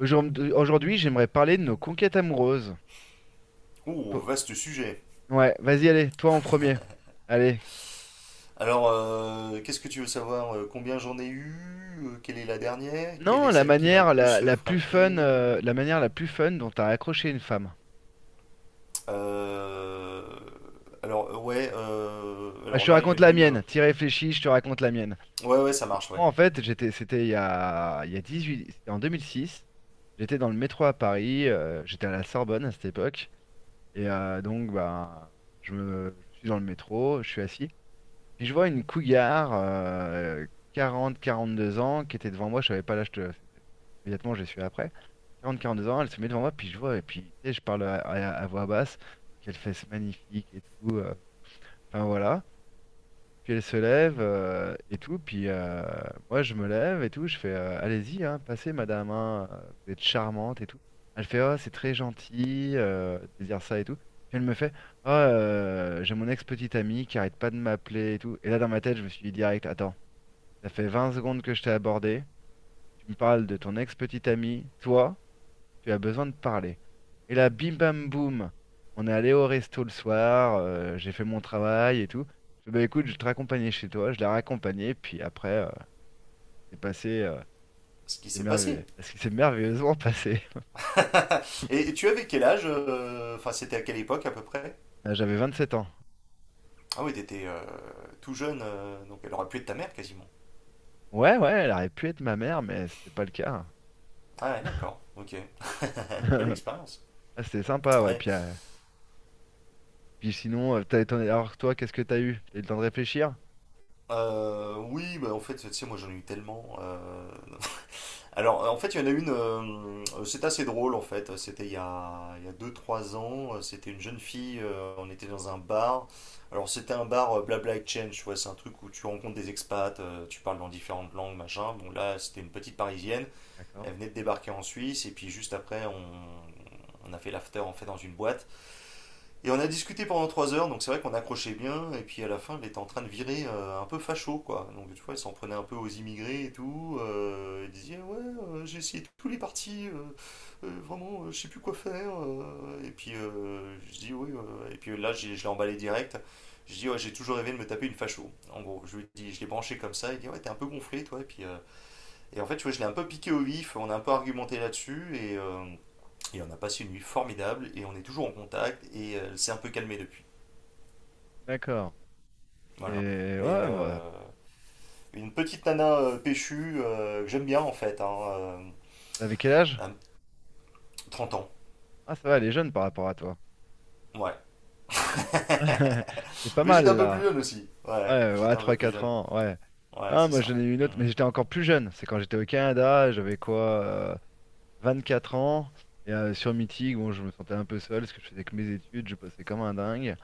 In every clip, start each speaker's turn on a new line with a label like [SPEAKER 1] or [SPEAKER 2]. [SPEAKER 1] Aujourd'hui, j'aimerais parler de nos conquêtes amoureuses.
[SPEAKER 2] Oh,
[SPEAKER 1] Toi-
[SPEAKER 2] vaste sujet.
[SPEAKER 1] Ouais, vas-y, allez, toi en premier. Allez.
[SPEAKER 2] Alors, qu'est-ce que tu veux savoir? Combien j'en ai eu? Quelle est la dernière? Quelle
[SPEAKER 1] Non,
[SPEAKER 2] est
[SPEAKER 1] la
[SPEAKER 2] celle qui m'a le
[SPEAKER 1] manière la,
[SPEAKER 2] plus
[SPEAKER 1] la plus fun,
[SPEAKER 2] frappé?
[SPEAKER 1] la manière la plus fun dont t'as accroché une femme.
[SPEAKER 2] Euh, Alors, ouais,
[SPEAKER 1] Ah, je
[SPEAKER 2] alors
[SPEAKER 1] te
[SPEAKER 2] là, il y
[SPEAKER 1] raconte
[SPEAKER 2] en a
[SPEAKER 1] la
[SPEAKER 2] une.
[SPEAKER 1] mienne. T'y réfléchis, je te raconte la mienne.
[SPEAKER 2] Ouais, ouais, ça marche, ouais.
[SPEAKER 1] Moi, en fait, c'était il y a 18, c'était en 2006. J'étais dans le métro à Paris. J'étais à la Sorbonne à cette époque. Et donc, bah, je suis dans le métro, je suis assis. Puis je vois une cougar, 40-42 ans, qui était devant moi, je savais pas l'âge de. Immédiatement, je l'ai su après. 40-42 ans, elle se met devant moi, puis je vois, et puis tu sais, je parle à voix basse, qu'elle fesse magnifique et tout. Enfin voilà. Puis elle se lève et tout. Puis moi, je me lève et tout. Je fais allez-y, hein, passez, madame. Hein, vous êtes charmante et tout. Elle fait oh, c'est très gentil de dire ça et tout. Puis elle me fait oh, j'ai mon ex-petite amie qui arrête pas de m'appeler et tout. Et là, dans ma tête, je me suis dit direct attends, ça fait 20 secondes que je t'ai abordé. Tu me parles de ton ex-petite amie, toi tu as besoin de parler. Et là, bim bam boum, on est allé au resto le soir, j'ai fait mon travail et tout. Je fais, bah écoute, je vais te raccompagner chez toi, je l'ai raccompagné, puis après, c'est passé,
[SPEAKER 2] Ce qui
[SPEAKER 1] c'est
[SPEAKER 2] s'est passé.
[SPEAKER 1] merveilleux. Est-ce que c'est merveilleusement passé?
[SPEAKER 2] Et tu avais quel âge? Enfin, c'était à quelle époque à peu près?
[SPEAKER 1] J'avais 7 ans.
[SPEAKER 2] Ah oui, t'étais tout jeune, donc elle aurait pu être ta mère quasiment.
[SPEAKER 1] Ouais, ouais, elle aurait pu être ma mère, mais c'était pas le cas.
[SPEAKER 2] Ah, ouais, d'accord, ok. Une belle expérience.
[SPEAKER 1] Ah, c'était sympa, ouais.
[SPEAKER 2] Ouais.
[SPEAKER 1] Puis, puis sinon, alors toi, qu'est-ce que t'as eu? T'as eu le temps de réfléchir?
[SPEAKER 2] Oui, bah en fait, tu sais, moi j'en ai eu tellement. Alors, en fait, il y en a une, c'est assez drôle en fait. C'était il y a 2 3 ans. C'était une jeune fille, on était dans un bar. Alors, c'était un bar Blabla Exchange, tu vois, c'est un truc où tu rencontres des expats, tu parles dans différentes langues, machin. Bon, là, c'était une petite parisienne.
[SPEAKER 1] D'accord.
[SPEAKER 2] Elle venait de débarquer en Suisse et puis juste après, on a fait l'after en fait dans une boîte. Et on a discuté pendant 3 heures, donc c'est vrai qu'on accrochait bien, et puis à la fin, il était en train de virer un peu facho, quoi. Donc tu vois, il s'en prenait un peu aux immigrés et tout. Il disait, ouais, j'ai essayé tous les partis, vraiment, je sais plus quoi faire. Et puis je dis, oui, Et puis là, je l'ai emballé direct. Je dis, ouais, j'ai toujours rêvé de me taper une facho. En gros, je lui dis, je l'ai branché comme ça, il dit, ouais, t'es un peu gonflé, toi. Et puis, et en fait, tu vois, je l'ai un peu piqué au vif, on a un peu argumenté là-dessus, et on a passé une nuit formidable et on est toujours en contact et elle s'est un peu calmée depuis.
[SPEAKER 1] D'accord. Et
[SPEAKER 2] Voilà. Mais
[SPEAKER 1] ouais, bah,
[SPEAKER 2] une petite nana péchue que j'aime bien en fait, hein,
[SPEAKER 1] avec quel âge?
[SPEAKER 2] à ans.
[SPEAKER 1] Ah, ça va, elle est jeune par rapport à toi.
[SPEAKER 2] Ouais.
[SPEAKER 1] C'est pas
[SPEAKER 2] Mais j'étais un
[SPEAKER 1] mal
[SPEAKER 2] peu plus
[SPEAKER 1] là.
[SPEAKER 2] jeune aussi. Ouais,
[SPEAKER 1] Ouais, ouais,
[SPEAKER 2] j'étais un peu plus
[SPEAKER 1] 3-4
[SPEAKER 2] jeune.
[SPEAKER 1] ans, ouais.
[SPEAKER 2] Ouais,
[SPEAKER 1] Ah,
[SPEAKER 2] c'est
[SPEAKER 1] moi
[SPEAKER 2] ça.
[SPEAKER 1] j'en ai eu une autre,
[SPEAKER 2] Hmm.
[SPEAKER 1] mais j'étais encore plus jeune. C'est quand j'étais au Canada, j'avais quoi, 4 ans. Et sur Meeting, bon, je me sentais un peu seul parce que je faisais que mes études, je bossais comme un dingue.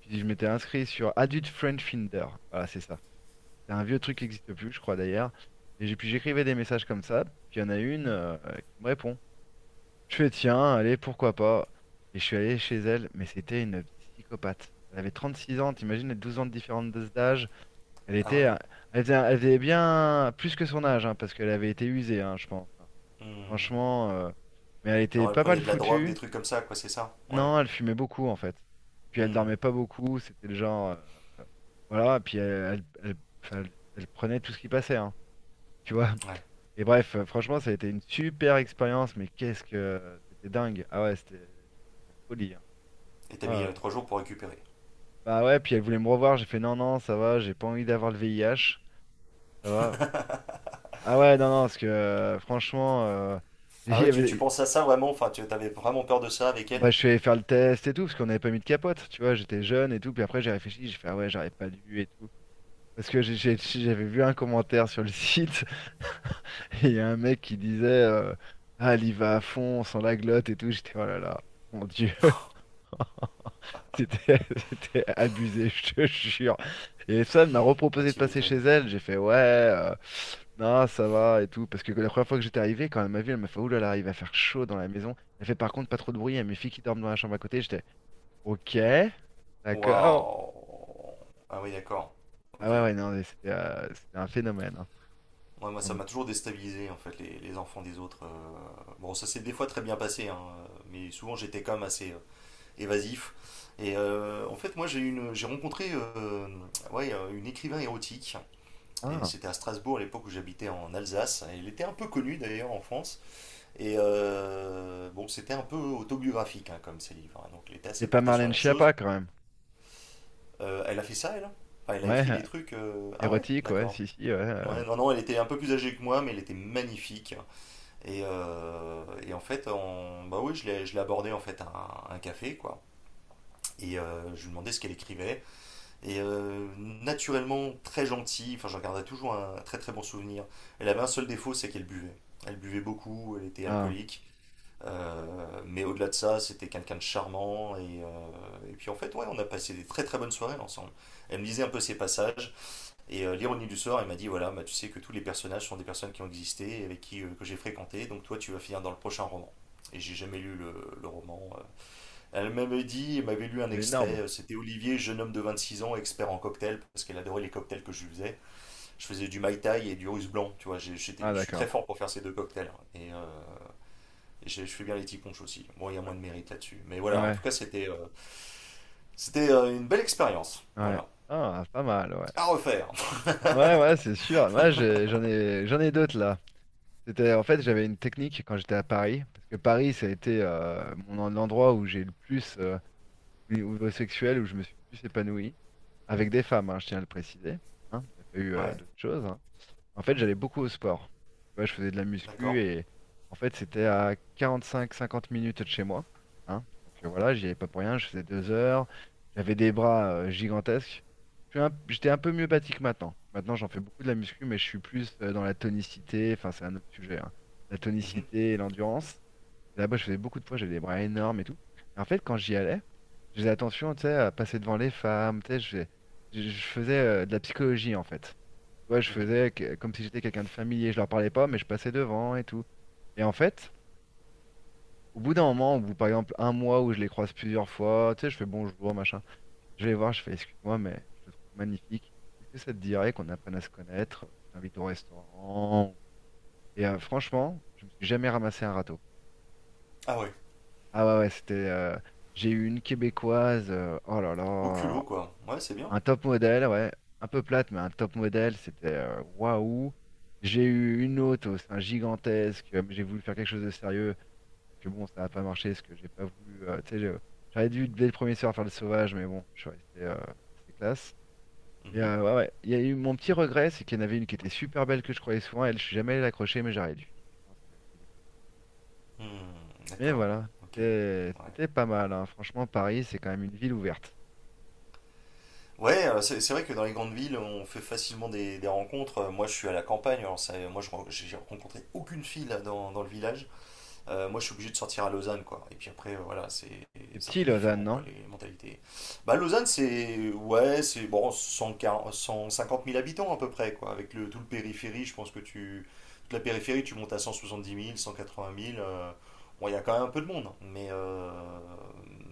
[SPEAKER 1] Puis je m'étais inscrit sur Adult Friend Finder. Voilà, c'est ça. C'est un vieux truc qui n'existe plus, je crois d'ailleurs. Puis j'écrivais des messages comme ça. Puis il y en a une qui me répond. Je fais tiens, allez, pourquoi pas. Et je suis allé chez elle, mais c'était une psychopathe. Elle avait 36 ans, t'imagines les 12 ans de différence d'âge. Elle
[SPEAKER 2] Ah
[SPEAKER 1] était, euh,
[SPEAKER 2] ouais.
[SPEAKER 1] elle faisait bien plus que son âge, hein, parce qu'elle avait été usée, hein, je pense. Hein.
[SPEAKER 2] Hmm.
[SPEAKER 1] Franchement, mais elle était
[SPEAKER 2] Alors elle
[SPEAKER 1] pas mal
[SPEAKER 2] prenait de la drogue,
[SPEAKER 1] foutue.
[SPEAKER 2] des trucs comme ça, quoi, c'est ça? Ouais.
[SPEAKER 1] Non, elle fumait beaucoup en fait. Et puis elle
[SPEAKER 2] Hmm.
[SPEAKER 1] dormait pas beaucoup, c'était le genre, euh, voilà. Et puis enfin, elle prenait tout ce qui passait, hein, tu vois.
[SPEAKER 2] Ouais.
[SPEAKER 1] Et bref, franchement, ça a été une super expérience, mais qu'est-ce que c'était dingue. Ah ouais, c'était la folie. Hein.
[SPEAKER 2] Et
[SPEAKER 1] Oh
[SPEAKER 2] t'as
[SPEAKER 1] là
[SPEAKER 2] mis
[SPEAKER 1] là.
[SPEAKER 2] 3 jours pour récupérer.
[SPEAKER 1] Bah ouais, puis elle voulait me revoir, j'ai fait non, non, ça va, j'ai pas envie d'avoir le VIH, ça va. Ah ouais, non, non, parce que franchement,
[SPEAKER 2] Ah
[SPEAKER 1] il y
[SPEAKER 2] ouais, tu
[SPEAKER 1] avait-
[SPEAKER 2] penses à ça vraiment? Enfin, tu avais vraiment peur de ça avec elle?
[SPEAKER 1] bah, je suis allé faire le test et tout, parce qu'on n'avait pas mis de capote, tu vois, j'étais jeune et tout, puis après j'ai réfléchi, j'ai fait ah ouais, j'aurais pas dû et tout. Parce que j'avais vu un commentaire sur le site, et il y a un mec qui disait ah, elle y va à fond, sans la glotte et tout, j'étais oh là là, mon Dieu. C'était c'était abusé, je te jure. Et ça, elle m'a
[SPEAKER 2] Ah,
[SPEAKER 1] reproposé de
[SPEAKER 2] tu
[SPEAKER 1] passer chez
[SPEAKER 2] m'étonnes.
[SPEAKER 1] elle. J'ai fait ouais, non, ça va et tout. Parce que la première fois que j'étais arrivé, quand elle m'a vu, elle m'a fait oulala, il va faire chaud dans la maison. Elle fait par contre pas trop de bruit. Il y a mes filles qui dorment dans la chambre à côté. J'étais ok, d'accord.
[SPEAKER 2] Waouh. Ah oui, d'accord.
[SPEAKER 1] Ah
[SPEAKER 2] Ok.
[SPEAKER 1] ouais,
[SPEAKER 2] Ouais,
[SPEAKER 1] ouais, non, mais c'était un phénomène. Hein.
[SPEAKER 2] moi, ça
[SPEAKER 1] Donc
[SPEAKER 2] m'a
[SPEAKER 1] bon.
[SPEAKER 2] toujours déstabilisé, en fait, les enfants des autres. Bon, ça s'est des fois très bien passé, hein, mais souvent j'étais quand même assez évasif. Et en fait, moi, j'ai rencontré ouais, une écrivain érotique. Et
[SPEAKER 1] Ah,
[SPEAKER 2] c'était à Strasbourg, à l'époque où j'habitais en Alsace. Elle était un peu connue, d'ailleurs, en France. Et bon, c'était un peu autobiographique, hein, comme ses livres. Hein. Donc, elle était assez
[SPEAKER 1] c'est pas
[SPEAKER 2] portée sur
[SPEAKER 1] Marlène
[SPEAKER 2] la chose.
[SPEAKER 1] Schiappa quand même.
[SPEAKER 2] Elle a fait ça, elle? Enfin, elle a
[SPEAKER 1] Ouais,
[SPEAKER 2] écrit des trucs. Ah ouais,
[SPEAKER 1] érotique, ouais,
[SPEAKER 2] d'accord.
[SPEAKER 1] si, si, ouais.
[SPEAKER 2] Ouais, non, non, elle était un peu plus âgée que moi, mais elle était magnifique. Et en fait, bah oui, je l'ai abordée en fait à un café, quoi. Et je lui demandais ce qu'elle écrivait. Et naturellement, très gentille, enfin, j'en garderai toujours un très très bon souvenir. Elle avait un seul défaut, c'est qu'elle buvait. Elle buvait beaucoup, elle était
[SPEAKER 1] Ah,
[SPEAKER 2] alcoolique. Mais au-delà de ça, c'était quelqu'un de charmant. Et et puis en fait, ouais, on a passé des très très bonnes soirées ensemble. Elle me disait un peu ses passages. Et l'ironie du sort, il m'a dit voilà, bah, tu sais que tous les personnages sont des personnes qui ont existé, avec qui que j'ai fréquenté, donc toi tu vas finir dans le prochain roman. Et j'ai jamais lu le roman. Elle m'avait dit, elle m'avait lu un
[SPEAKER 1] c'est
[SPEAKER 2] extrait,
[SPEAKER 1] énorme.
[SPEAKER 2] c'était Olivier, jeune homme de 26 ans, expert en cocktail, parce qu'elle adorait les cocktails que je faisais. Je faisais du Mai Tai et du russe blanc, tu vois,
[SPEAKER 1] Ah,
[SPEAKER 2] je suis très
[SPEAKER 1] d'accord.
[SPEAKER 2] fort pour faire ces deux cocktails. Hein. Et je fais bien les ticonches aussi. Bon, il y a moins de mérite là-dessus. Mais voilà, en
[SPEAKER 1] Ouais,
[SPEAKER 2] tout cas, c'était une belle expérience.
[SPEAKER 1] ouais.
[SPEAKER 2] Voilà.
[SPEAKER 1] Ah, pas mal, ouais.
[SPEAKER 2] À refaire.
[SPEAKER 1] Ouais, ouais, c'est sûr. Moi, j'en ai d'autres là. En fait, j'avais une technique quand j'étais à Paris, parce que Paris, ça a été l'endroit où j'ai le plus, au niveau sexuel, où je me suis le plus épanoui, avec des femmes, hein, je tiens à le préciser. Hein. Il n'y a pas eu
[SPEAKER 2] Ouais,
[SPEAKER 1] d'autres choses. Hein. En fait, j'allais beaucoup au sport. Tu vois, je faisais de la muscu
[SPEAKER 2] d'accord.
[SPEAKER 1] et en fait, c'était à 45-50 minutes de chez moi. Hein. Donc voilà, j'y allais pas pour rien. Je faisais 2 heures. J'avais des bras gigantesques. J'étais un peu mieux bâti que maintenant. Maintenant, j'en fais beaucoup de la muscu, mais je suis plus dans la tonicité. Enfin, c'est un autre sujet. Hein. La
[SPEAKER 2] Mhm,
[SPEAKER 1] tonicité et l'endurance. Et là-bas, je faisais beaucoup de poids. J'avais des bras énormes et tout. Et en fait, quand j'y allais, je faisais attention, tu sais, à passer devant les femmes. Tu sais, je faisais de la psychologie en fait. Tu vois,
[SPEAKER 2] mhm.
[SPEAKER 1] comme si j'étais quelqu'un de familier, je leur parlais pas, mais je passais devant et tout. Et en fait, au bout d'un moment, au bout par exemple un mois où je les croise plusieurs fois, tu sais, je fais bonjour, machin. Je vais les voir, je fais excuse-moi, mais je te trouve magnifique. Est-ce que ça te dirait qu'on apprenne à se connaître? Je t'invite au restaurant. Et franchement, je me suis jamais ramassé un râteau.
[SPEAKER 2] Ah ouais,
[SPEAKER 1] Ah ouais, ouais, c'était. J'ai eu une Québécoise. Oh là
[SPEAKER 2] au
[SPEAKER 1] là.
[SPEAKER 2] culot quoi. Ouais, c'est bien.
[SPEAKER 1] Un top modèle, ouais. Un peu plate, mais un top modèle, c'était waouh. J'ai eu une autre au sein gigantesque. Mais j'ai voulu faire quelque chose de sérieux. Puis bon, ça n'a pas marché parce que j'ai pas voulu. Tu sais, j'aurais dû dès le premier soir faire le sauvage, mais bon, je suis resté assez classe. Et
[SPEAKER 2] Mhm.
[SPEAKER 1] ouais, ouais. Il y a eu mon petit regret, c'est qu'il y en avait une qui était super belle que je croyais souvent. Elle, je suis jamais allé l'accrocher, mais j'aurais dû. Je pense que-
[SPEAKER 2] Hmm,
[SPEAKER 1] Mais
[SPEAKER 2] d'accord,
[SPEAKER 1] voilà,
[SPEAKER 2] ok.
[SPEAKER 1] c'était
[SPEAKER 2] Ouais,
[SPEAKER 1] c'était pas mal. Hein. Franchement, Paris, c'est quand même une ville ouverte.
[SPEAKER 2] ouais c'est vrai que dans les grandes villes, on fait facilement des rencontres. Moi, je suis à la campagne, alors moi, j'ai rencontré aucune fille là, dans le village. Moi, je suis obligé de sortir à Lausanne, quoi. Et puis après, voilà, c'est
[SPEAKER 1] C'est
[SPEAKER 2] un
[SPEAKER 1] petit,
[SPEAKER 2] peu
[SPEAKER 1] Lausanne,
[SPEAKER 2] différent, quoi,
[SPEAKER 1] non?
[SPEAKER 2] les mentalités. Bah, Lausanne, c'est, ouais, bon, 140 150 000 habitants à peu près, quoi. Avec tout le périphérie, je pense que toute la périphérie, tu montes à 170 000, 180 000. Bon, il y a quand même un peu de monde. Mais, euh,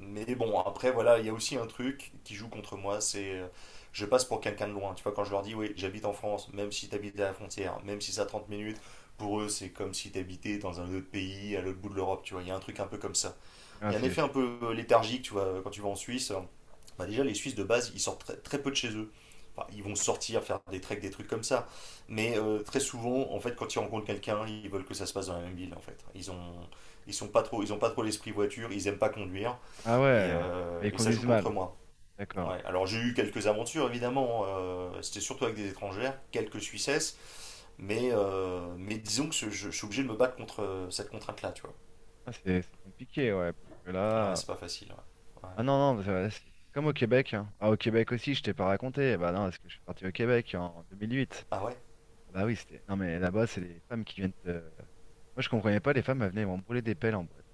[SPEAKER 2] mais bon, après, voilà, il y a aussi un truc qui joue contre moi, je passe pour quelqu'un de loin. Tu vois, quand je leur dis, oui, j'habite en France, même si tu habites à la frontière, même si c'est à 30 minutes, pour eux, c'est comme si tu habitais dans un autre pays, à l'autre bout de l'Europe, tu vois. Il y a un truc un peu comme ça. Il
[SPEAKER 1] Ah,
[SPEAKER 2] y a un
[SPEAKER 1] c'est.
[SPEAKER 2] effet un peu léthargique, tu vois, quand tu vas en Suisse. Bah déjà, les Suisses, de base, ils sortent très, très peu de chez eux. Enfin, ils vont sortir, faire des treks, des trucs comme ça. Mais très souvent, en fait, quand ils rencontrent quelqu'un, ils veulent que ça se passe dans la même ville, en fait. Ils sont pas trop, ils ont pas trop l'esprit voiture, ils aiment pas conduire,
[SPEAKER 1] Ah
[SPEAKER 2] et,
[SPEAKER 1] ouais, bah,
[SPEAKER 2] euh,
[SPEAKER 1] ils
[SPEAKER 2] et ça joue
[SPEAKER 1] conduisent
[SPEAKER 2] contre
[SPEAKER 1] mal.
[SPEAKER 2] moi.
[SPEAKER 1] D'accord.
[SPEAKER 2] Ouais. Alors j'ai eu quelques aventures, évidemment. Hein. C'était surtout avec des étrangères, quelques Suissesses. Mais, disons que je suis obligé de me battre contre cette contrainte-là, tu vois.
[SPEAKER 1] Ah, c'est compliqué, ouais, parce que
[SPEAKER 2] Ouais,
[SPEAKER 1] là.
[SPEAKER 2] c'est pas facile. Ouais. Ouais.
[SPEAKER 1] Ah non, non, c'est comme au Québec. Hein. Ah, au Québec aussi, je t'ai pas raconté. Ah bah non, parce que je suis parti au Québec en 2008.
[SPEAKER 2] Ah ouais?
[SPEAKER 1] Ah bah oui, c'était. Non, mais là-bas, c'est les femmes qui viennent te. Moi, je comprenais pas, les femmes, elles venaient m'embrouler des pelles en boîte.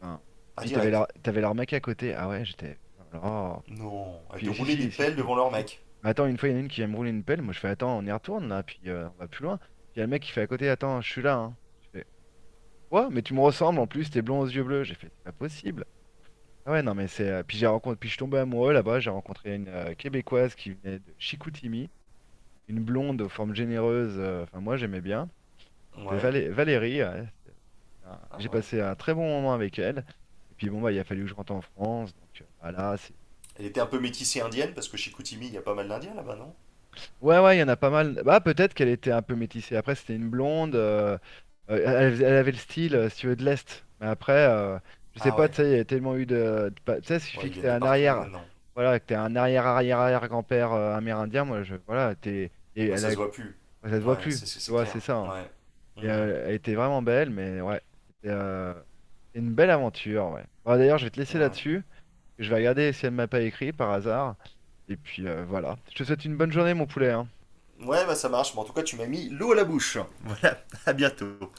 [SPEAKER 1] Enfin,
[SPEAKER 2] Ah,
[SPEAKER 1] puis
[SPEAKER 2] direct.
[SPEAKER 1] t'avais leur mec à côté. Ah ouais, j'étais. Oh là là.
[SPEAKER 2] Non, elle te
[SPEAKER 1] Puis si,
[SPEAKER 2] roulait des
[SPEAKER 1] si, si,
[SPEAKER 2] pelles
[SPEAKER 1] si,
[SPEAKER 2] devant
[SPEAKER 1] si,
[SPEAKER 2] leur
[SPEAKER 1] si.
[SPEAKER 2] mec.
[SPEAKER 1] Mais attends, une fois, il y en a une qui vient me rouler une pelle. Moi, je fais, attends, on y retourne, là, puis on va plus loin. Puis il y a le mec qui fait à côté, attends, je suis là, hein. Je fais, quoi? Mais tu me ressembles, en plus, t'es blond aux yeux bleus. J'ai fait, c'est pas possible. Ah ouais, non, mais c'est. Puis j'ai rencontré. Puis je suis tombé amoureux là-bas. J'ai rencontré une Québécoise qui venait de Chicoutimi, une blonde aux formes généreuses. Enfin, moi, j'aimais bien. Elle s'appelait
[SPEAKER 2] Ouais.
[SPEAKER 1] Valérie.
[SPEAKER 2] Ah
[SPEAKER 1] J'ai
[SPEAKER 2] ouais.
[SPEAKER 1] passé un très bon moment avec elle. Et puis bon, bah, il a fallu que je rentre en France. Donc bah, là, c'est.
[SPEAKER 2] Elle était un peu métissée indienne, parce que chez Koutimi, il y a pas mal d'Indiens là-bas, non?
[SPEAKER 1] Ouais, ouais, il y en a pas mal. Bah, peut-être qu'elle était un peu métissée. Après, c'était une blonde. Euh, elle avait le style, si tu veux, de l'Est. Mais après, je sais
[SPEAKER 2] Ah
[SPEAKER 1] pas,
[SPEAKER 2] ouais.
[SPEAKER 1] tu sais, il y a tellement eu tu sais, il
[SPEAKER 2] Ouais,
[SPEAKER 1] suffit
[SPEAKER 2] ils
[SPEAKER 1] que t'aies
[SPEAKER 2] viennent de
[SPEAKER 1] un
[SPEAKER 2] partout
[SPEAKER 1] arrière.
[SPEAKER 2] maintenant.
[SPEAKER 1] Voilà, que t'aies un arrière-arrière-arrière-grand-père amérindien. Moi, je. Voilà, t'es. Et
[SPEAKER 2] Bah,
[SPEAKER 1] elle
[SPEAKER 2] ça
[SPEAKER 1] a.
[SPEAKER 2] se voit plus.
[SPEAKER 1] Ouais, ça te voit
[SPEAKER 2] Ouais,
[SPEAKER 1] plus, tu
[SPEAKER 2] c'est
[SPEAKER 1] vois, c'est
[SPEAKER 2] clair.
[SPEAKER 1] ça. Hein.
[SPEAKER 2] Ouais.
[SPEAKER 1] Et
[SPEAKER 2] Hmm.
[SPEAKER 1] elle était vraiment belle, mais ouais, c'était euh, c'était une belle aventure, ouais. Bon, d'ailleurs, je vais te laisser
[SPEAKER 2] Ouais.
[SPEAKER 1] là-dessus. Je vais regarder si elle m'a pas écrit par hasard. Et puis voilà. Je te souhaite une bonne journée, mon poulet. Hein.
[SPEAKER 2] Ouais, bah ça marche. Mais en tout cas, tu m'as mis l'eau à la bouche. Voilà, à bientôt.